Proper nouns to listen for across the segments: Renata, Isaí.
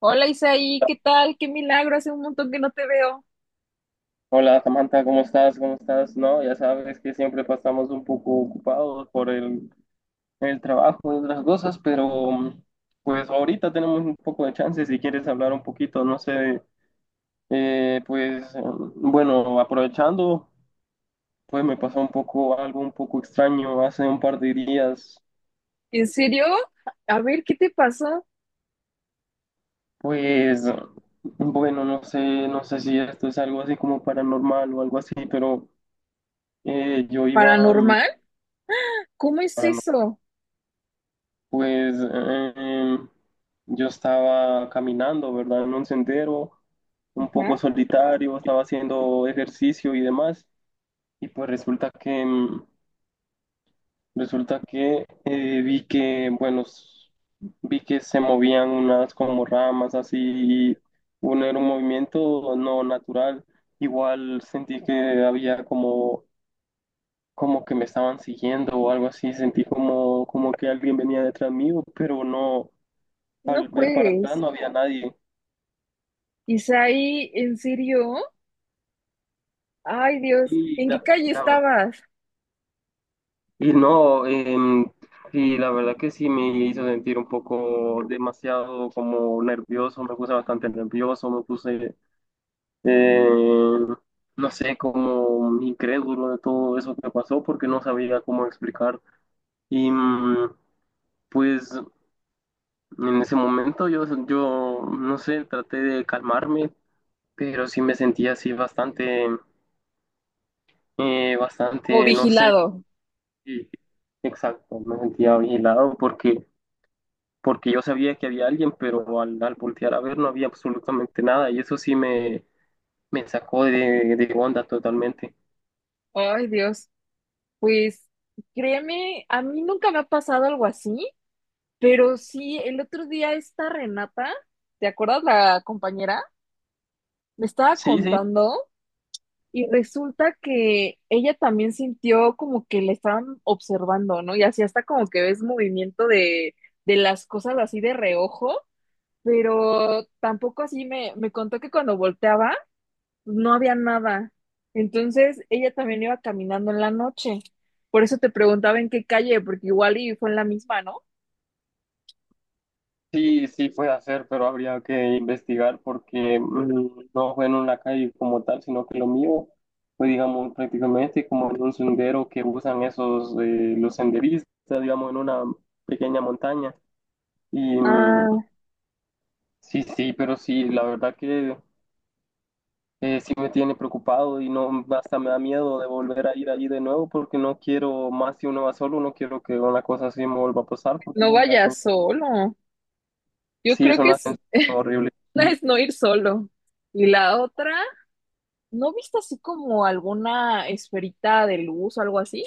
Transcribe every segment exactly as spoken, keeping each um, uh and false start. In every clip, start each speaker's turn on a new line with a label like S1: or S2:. S1: Hola Isaí, ¿qué tal? Qué milagro, hace un montón que no te veo.
S2: Hola Samantha, ¿cómo estás? ¿Cómo estás? No, ya sabes que siempre pasamos un poco ocupados por el, el trabajo y otras cosas, pero mm, pues ahorita tenemos un poco de chance si quieres hablar un poquito, no sé, eh, pues mm, bueno, aprovechando, pues me pasó un poco algo un poco extraño hace un par de días,
S1: ¿En serio? A ver, ¿qué te pasó?
S2: pues bueno, no sé, no sé si esto es algo así como paranormal o algo así, pero eh, yo iba... mm,
S1: ¿Paranormal? ¿Cómo es
S2: para
S1: eso?
S2: Pues eh, yo estaba caminando, ¿verdad? En un sendero un poco
S1: Ajá,
S2: solitario, estaba haciendo ejercicio y demás, y pues resulta que mm, resulta que eh, vi que, bueno, s- vi que se movían unas como ramas así, y uno era un movimiento no natural. Igual sentí que había como como que me estaban siguiendo o algo así, sentí como, como que alguien venía detrás mío, pero no,
S1: no
S2: al ver para atrás
S1: juegues.
S2: no había nadie.
S1: Isaí, ¿en serio? Ay, Dios,
S2: Y,
S1: ¿en qué
S2: la-
S1: calle
S2: la-
S1: estabas?
S2: y no, em, y la verdad que sí me hizo sentir un poco demasiado como nervioso, me puse bastante nervioso, me puse, eh, no sé, como incrédulo de todo eso que pasó porque no sabía cómo explicar. Y mm, pues en ese momento yo, yo, no sé, traté de calmarme, pero sí me sentía así bastante, eh,
S1: Como
S2: bastante, no sé,
S1: vigilado.
S2: sí, exacto, me sentía vigilado porque, porque yo sabía que había alguien, pero al, al voltear a ver no había absolutamente nada y eso sí me, me sacó de, de onda totalmente.
S1: Ay, Dios, pues créeme, a mí nunca me ha pasado algo así, pero sí, el otro día esta Renata, ¿te acuerdas la compañera? Me estaba
S2: Sí, sí.
S1: contando. Y resulta que ella también sintió como que le estaban observando, ¿no? Y así hasta como que ves movimiento de, de las cosas así de reojo, pero tampoco así me, me contó que cuando volteaba no había nada. Entonces ella también iba caminando en la noche. Por eso te preguntaba en qué calle, porque igual y fue en la misma, ¿no?
S2: Sí, sí fue hacer, pero habría que investigar porque mm, no fue en una calle como tal, sino que lo mío fue, digamos, prácticamente como en un sendero que usan esos, eh, los senderistas, digamos, en una pequeña montaña. Y mm,
S1: Ah,
S2: sí, sí, pero sí, la verdad que eh, sí me tiene preocupado y no, hasta me da miedo de volver a ir allí de nuevo porque no quiero más si uno va solo, no quiero que una cosa así me vuelva a pasar porque es
S1: no
S2: una sen-
S1: vayas solo. Yo
S2: sí es
S1: creo que
S2: una
S1: es,
S2: sensación horrible.
S1: una es no ir solo. Y la otra. ¿No viste así como alguna esferita de luz o algo así?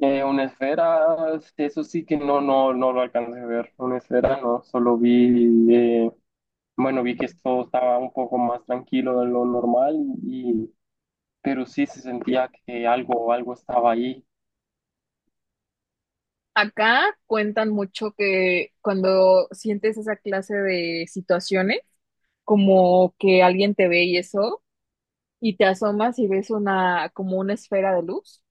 S2: Eh, una esfera, eso sí que no, no, no lo alcancé a ver. Una esfera no, solo vi, eh, bueno, vi que esto estaba un poco más tranquilo de lo normal, y, pero sí se sentía que algo, algo estaba ahí.
S1: Acá cuentan mucho que cuando sientes esa clase de situaciones, como que alguien te ve y eso, y te asomas y ves una, como una esfera de luz,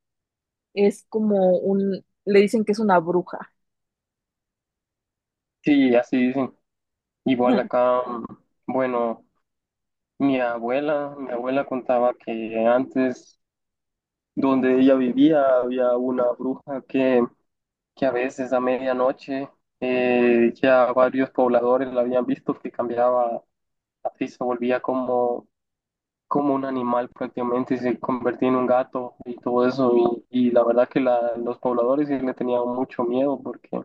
S1: es como un, le dicen que es una bruja.
S2: Sí, así dicen. Igual acá, mm, bueno, mi abuela, mi abuela contaba que antes donde ella vivía había una bruja que, que a veces a medianoche eh, ya varios pobladores la habían visto que cambiaba, así se volvía como, como un animal prácticamente, se convertía en un gato y todo eso. Y, y la verdad que la- los pobladores sí le tenían mucho miedo porque,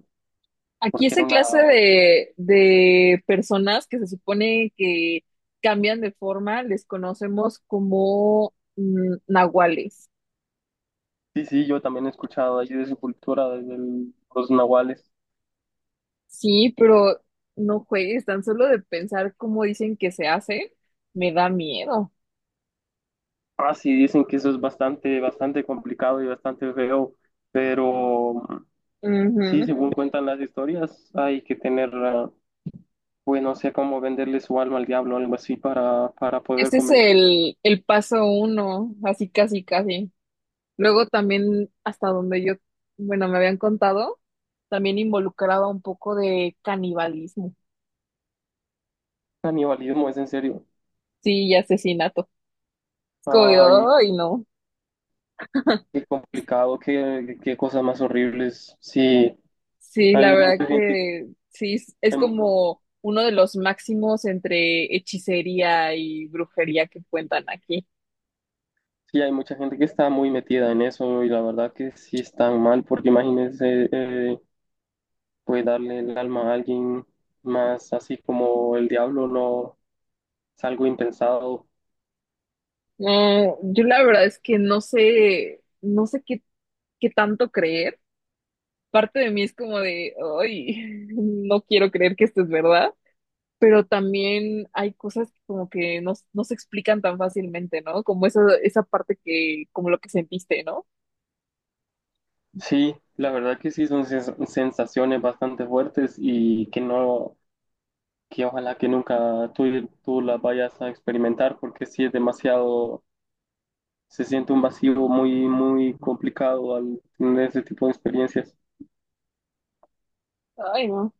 S1: Aquí
S2: porque
S1: esa
S2: era una...
S1: clase de, de personas que se supone que cambian de forma, les conocemos como mm, nahuales.
S2: Sí, sí, yo también he escuchado allí de su cultura, de los nahuales.
S1: Sí, pero no juegues, tan solo de pensar cómo dicen que se hace, me da miedo.
S2: Ah, sí, dicen que eso es bastante, bastante complicado y bastante feo, pero sí,
S1: Ujú.
S2: según cuentan las historias, hay que tener, ah, pues no sé cómo venderle su alma al diablo o algo así para, para poder
S1: Ese es
S2: convencer.
S1: el, el paso uno, así casi casi. Luego también, hasta donde yo, bueno, me habían contado, también involucraba un poco de canibalismo,
S2: Canibalismo es en serio.
S1: sí, y asesinato. Es como de,
S2: Ay,
S1: "Ay, no.
S2: qué complicado, qué, qué cosas más horribles. Sí,
S1: Sí, la
S2: hay
S1: verdad
S2: mucha gente,
S1: que sí, es es
S2: em,
S1: como uno de los máximos entre hechicería y brujería que cuentan aquí.
S2: sí, hay mucha gente que está muy metida en eso y la verdad que sí están mal, porque imagínense, eh, pues darle el alma a alguien más así como el diablo no es algo impensado.
S1: No, yo la verdad es que no sé, no sé qué, qué tanto creer. Parte de mí es como de, ay, no quiero creer que esto es verdad, pero también hay cosas que como que no, no se explican tan fácilmente, ¿no? Como esa, esa parte que, como lo que sentiste, ¿no?
S2: Sí, la verdad que sí son sens- sensaciones bastante fuertes y que no, que ojalá que nunca tú, tú las vayas a experimentar porque sí es demasiado, se siente un vacío muy, muy complicado al tener ese tipo de experiencias.
S1: Ay, no.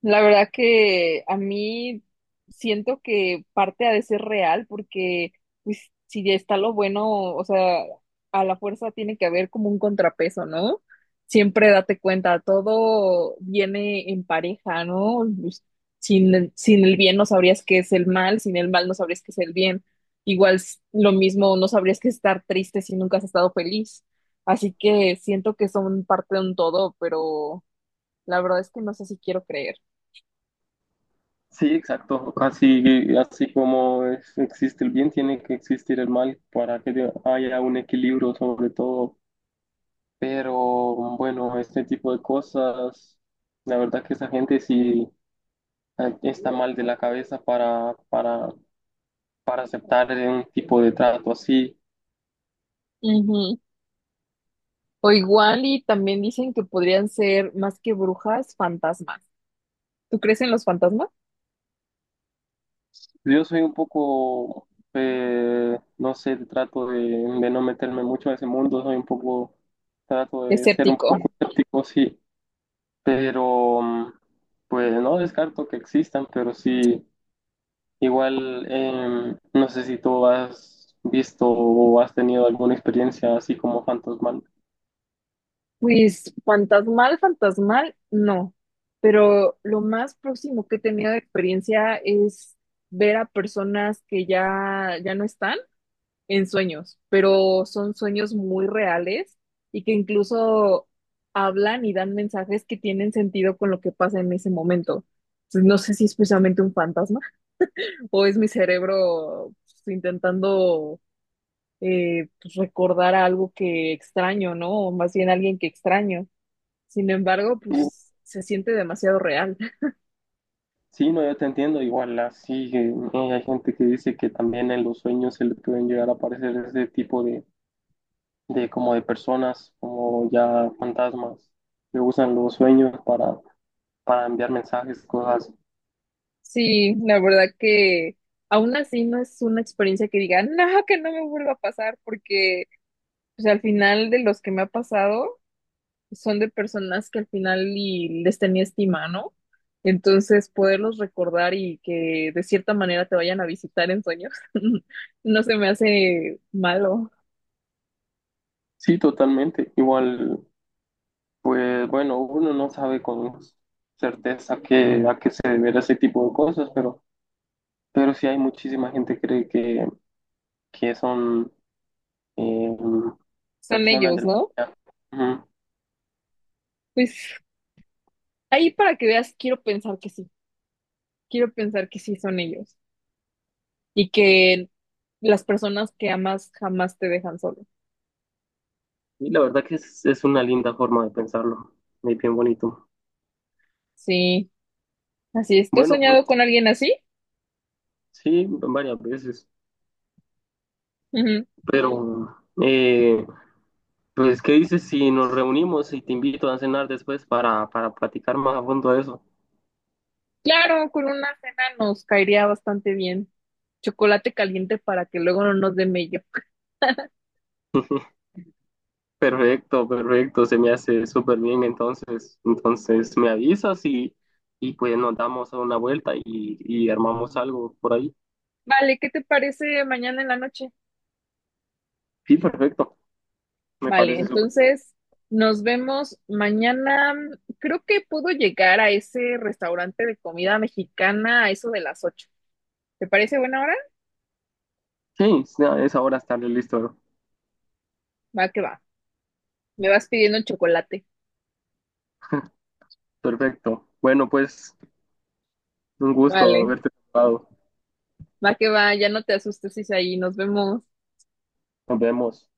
S1: La verdad que a mí siento que parte ha de ser real porque pues si ya está lo bueno, o sea, a la fuerza tiene que haber como un contrapeso, ¿no? Siempre date cuenta, todo viene en pareja, ¿no? Pues, sin, el- sin el bien no sabrías qué es el mal, sin el mal no sabrías qué es el bien. Igual s- lo mismo, no sabrías qué es estar triste si nunca has estado feliz. Así que siento que son parte de un todo, pero la verdad es que no sé si quiero creer.
S2: Sí, exacto. Así, así como es- existe el bien, tiene que existir el mal para que haya un equilibrio sobre todo. Pero bueno, este tipo de cosas, la verdad que esa gente sí eh, está mal de la cabeza para, para, para aceptar un tipo de trato así.
S1: Ujú. O igual y también dicen que podrían ser más que brujas, fantasmas. ¿Tú crees en los fantasmas?
S2: Yo soy un poco, eh, no sé, trato de, de no meterme mucho a ese mundo, soy un poco, trato de ser un
S1: Escéptico.
S2: poco escéptico, sí, pero mm, pues no descarto que existan, pero sí. Igual, em, no sé si tú has visto o has tenido alguna experiencia así como fantasmal.
S1: Pues fantasmal, fantasmal, no. Pero lo más próximo que he tenido de experiencia es ver a personas que ya, ya no están en sueños, pero son sueños muy reales y que incluso hablan y dan mensajes que tienen sentido con lo que pasa en ese momento. Entonces, no sé si es precisamente un fantasma, o es mi cerebro pues, intentando eh, pues, recordar a algo que extraño, ¿no? O más bien alguien que extraño. Sin embargo,
S2: Sí,
S1: pues se siente demasiado real.
S2: sí, no, yo te entiendo. Igual, así eh, hay gente que dice que también en los sueños se le pueden llegar a aparecer ese tipo de, de como de personas, como ya fantasmas, que usan los sueños para, para enviar mensajes, cosas. Así.
S1: Sí, la verdad que aún así no es una experiencia que diga, no, que no me vuelva a pasar, porque pues, al final de los que me ha pasado, son de personas que al final y les tenía estima, ¿no? Entonces, poderlos recordar y que de cierta manera te vayan a visitar en sueños, no se me hace malo.
S2: Sí, totalmente. Igual, pues bueno, uno no sabe con certeza que, a qué se deberá ese tipo de cosas, pero... Pero sí hay muchísima gente que cree que, que son eh,
S1: Son
S2: personas
S1: ellos,
S2: del...
S1: ¿no?
S2: Ujú.
S1: Pues ahí para que veas, quiero pensar que sí, quiero pensar que sí son ellos y que las personas que amas jamás te dejan solo.
S2: Y la verdad que es, es una linda forma de pensarlo, es bien bonito.
S1: Sí, así es. ¿Tú has
S2: Bueno, pues
S1: soñado con alguien así?
S2: sí, varias veces,
S1: Ujú.
S2: pero eh, pues ¿qué dices si nos reunimos y te invito a cenar después para, para platicar más a fondo de eso?
S1: Claro, con una cena nos caería bastante bien chocolate caliente para que luego no nos dé mello.
S2: Perfecto, perfecto, se me hace súper bien, entonces, entonces me avisas y, y pues nos damos una vuelta y, y armamos algo por ahí.
S1: Vale, ¿qué te parece mañana en la noche?
S2: Sí, perfecto. Me
S1: Vale,
S2: parece súper.
S1: entonces nos vemos mañana. Creo que puedo llegar a ese restaurante de comida mexicana a eso de las ocho. ¿Te parece buena hora?
S2: Sí, ya es ahora estarle listo.
S1: Va que va. Me vas pidiendo el chocolate.
S2: Perfecto. Bueno, pues un gusto
S1: Vale,
S2: haberte saludado.
S1: va que va, ya no te asustes, ahí. Nos vemos.
S2: Nos vemos.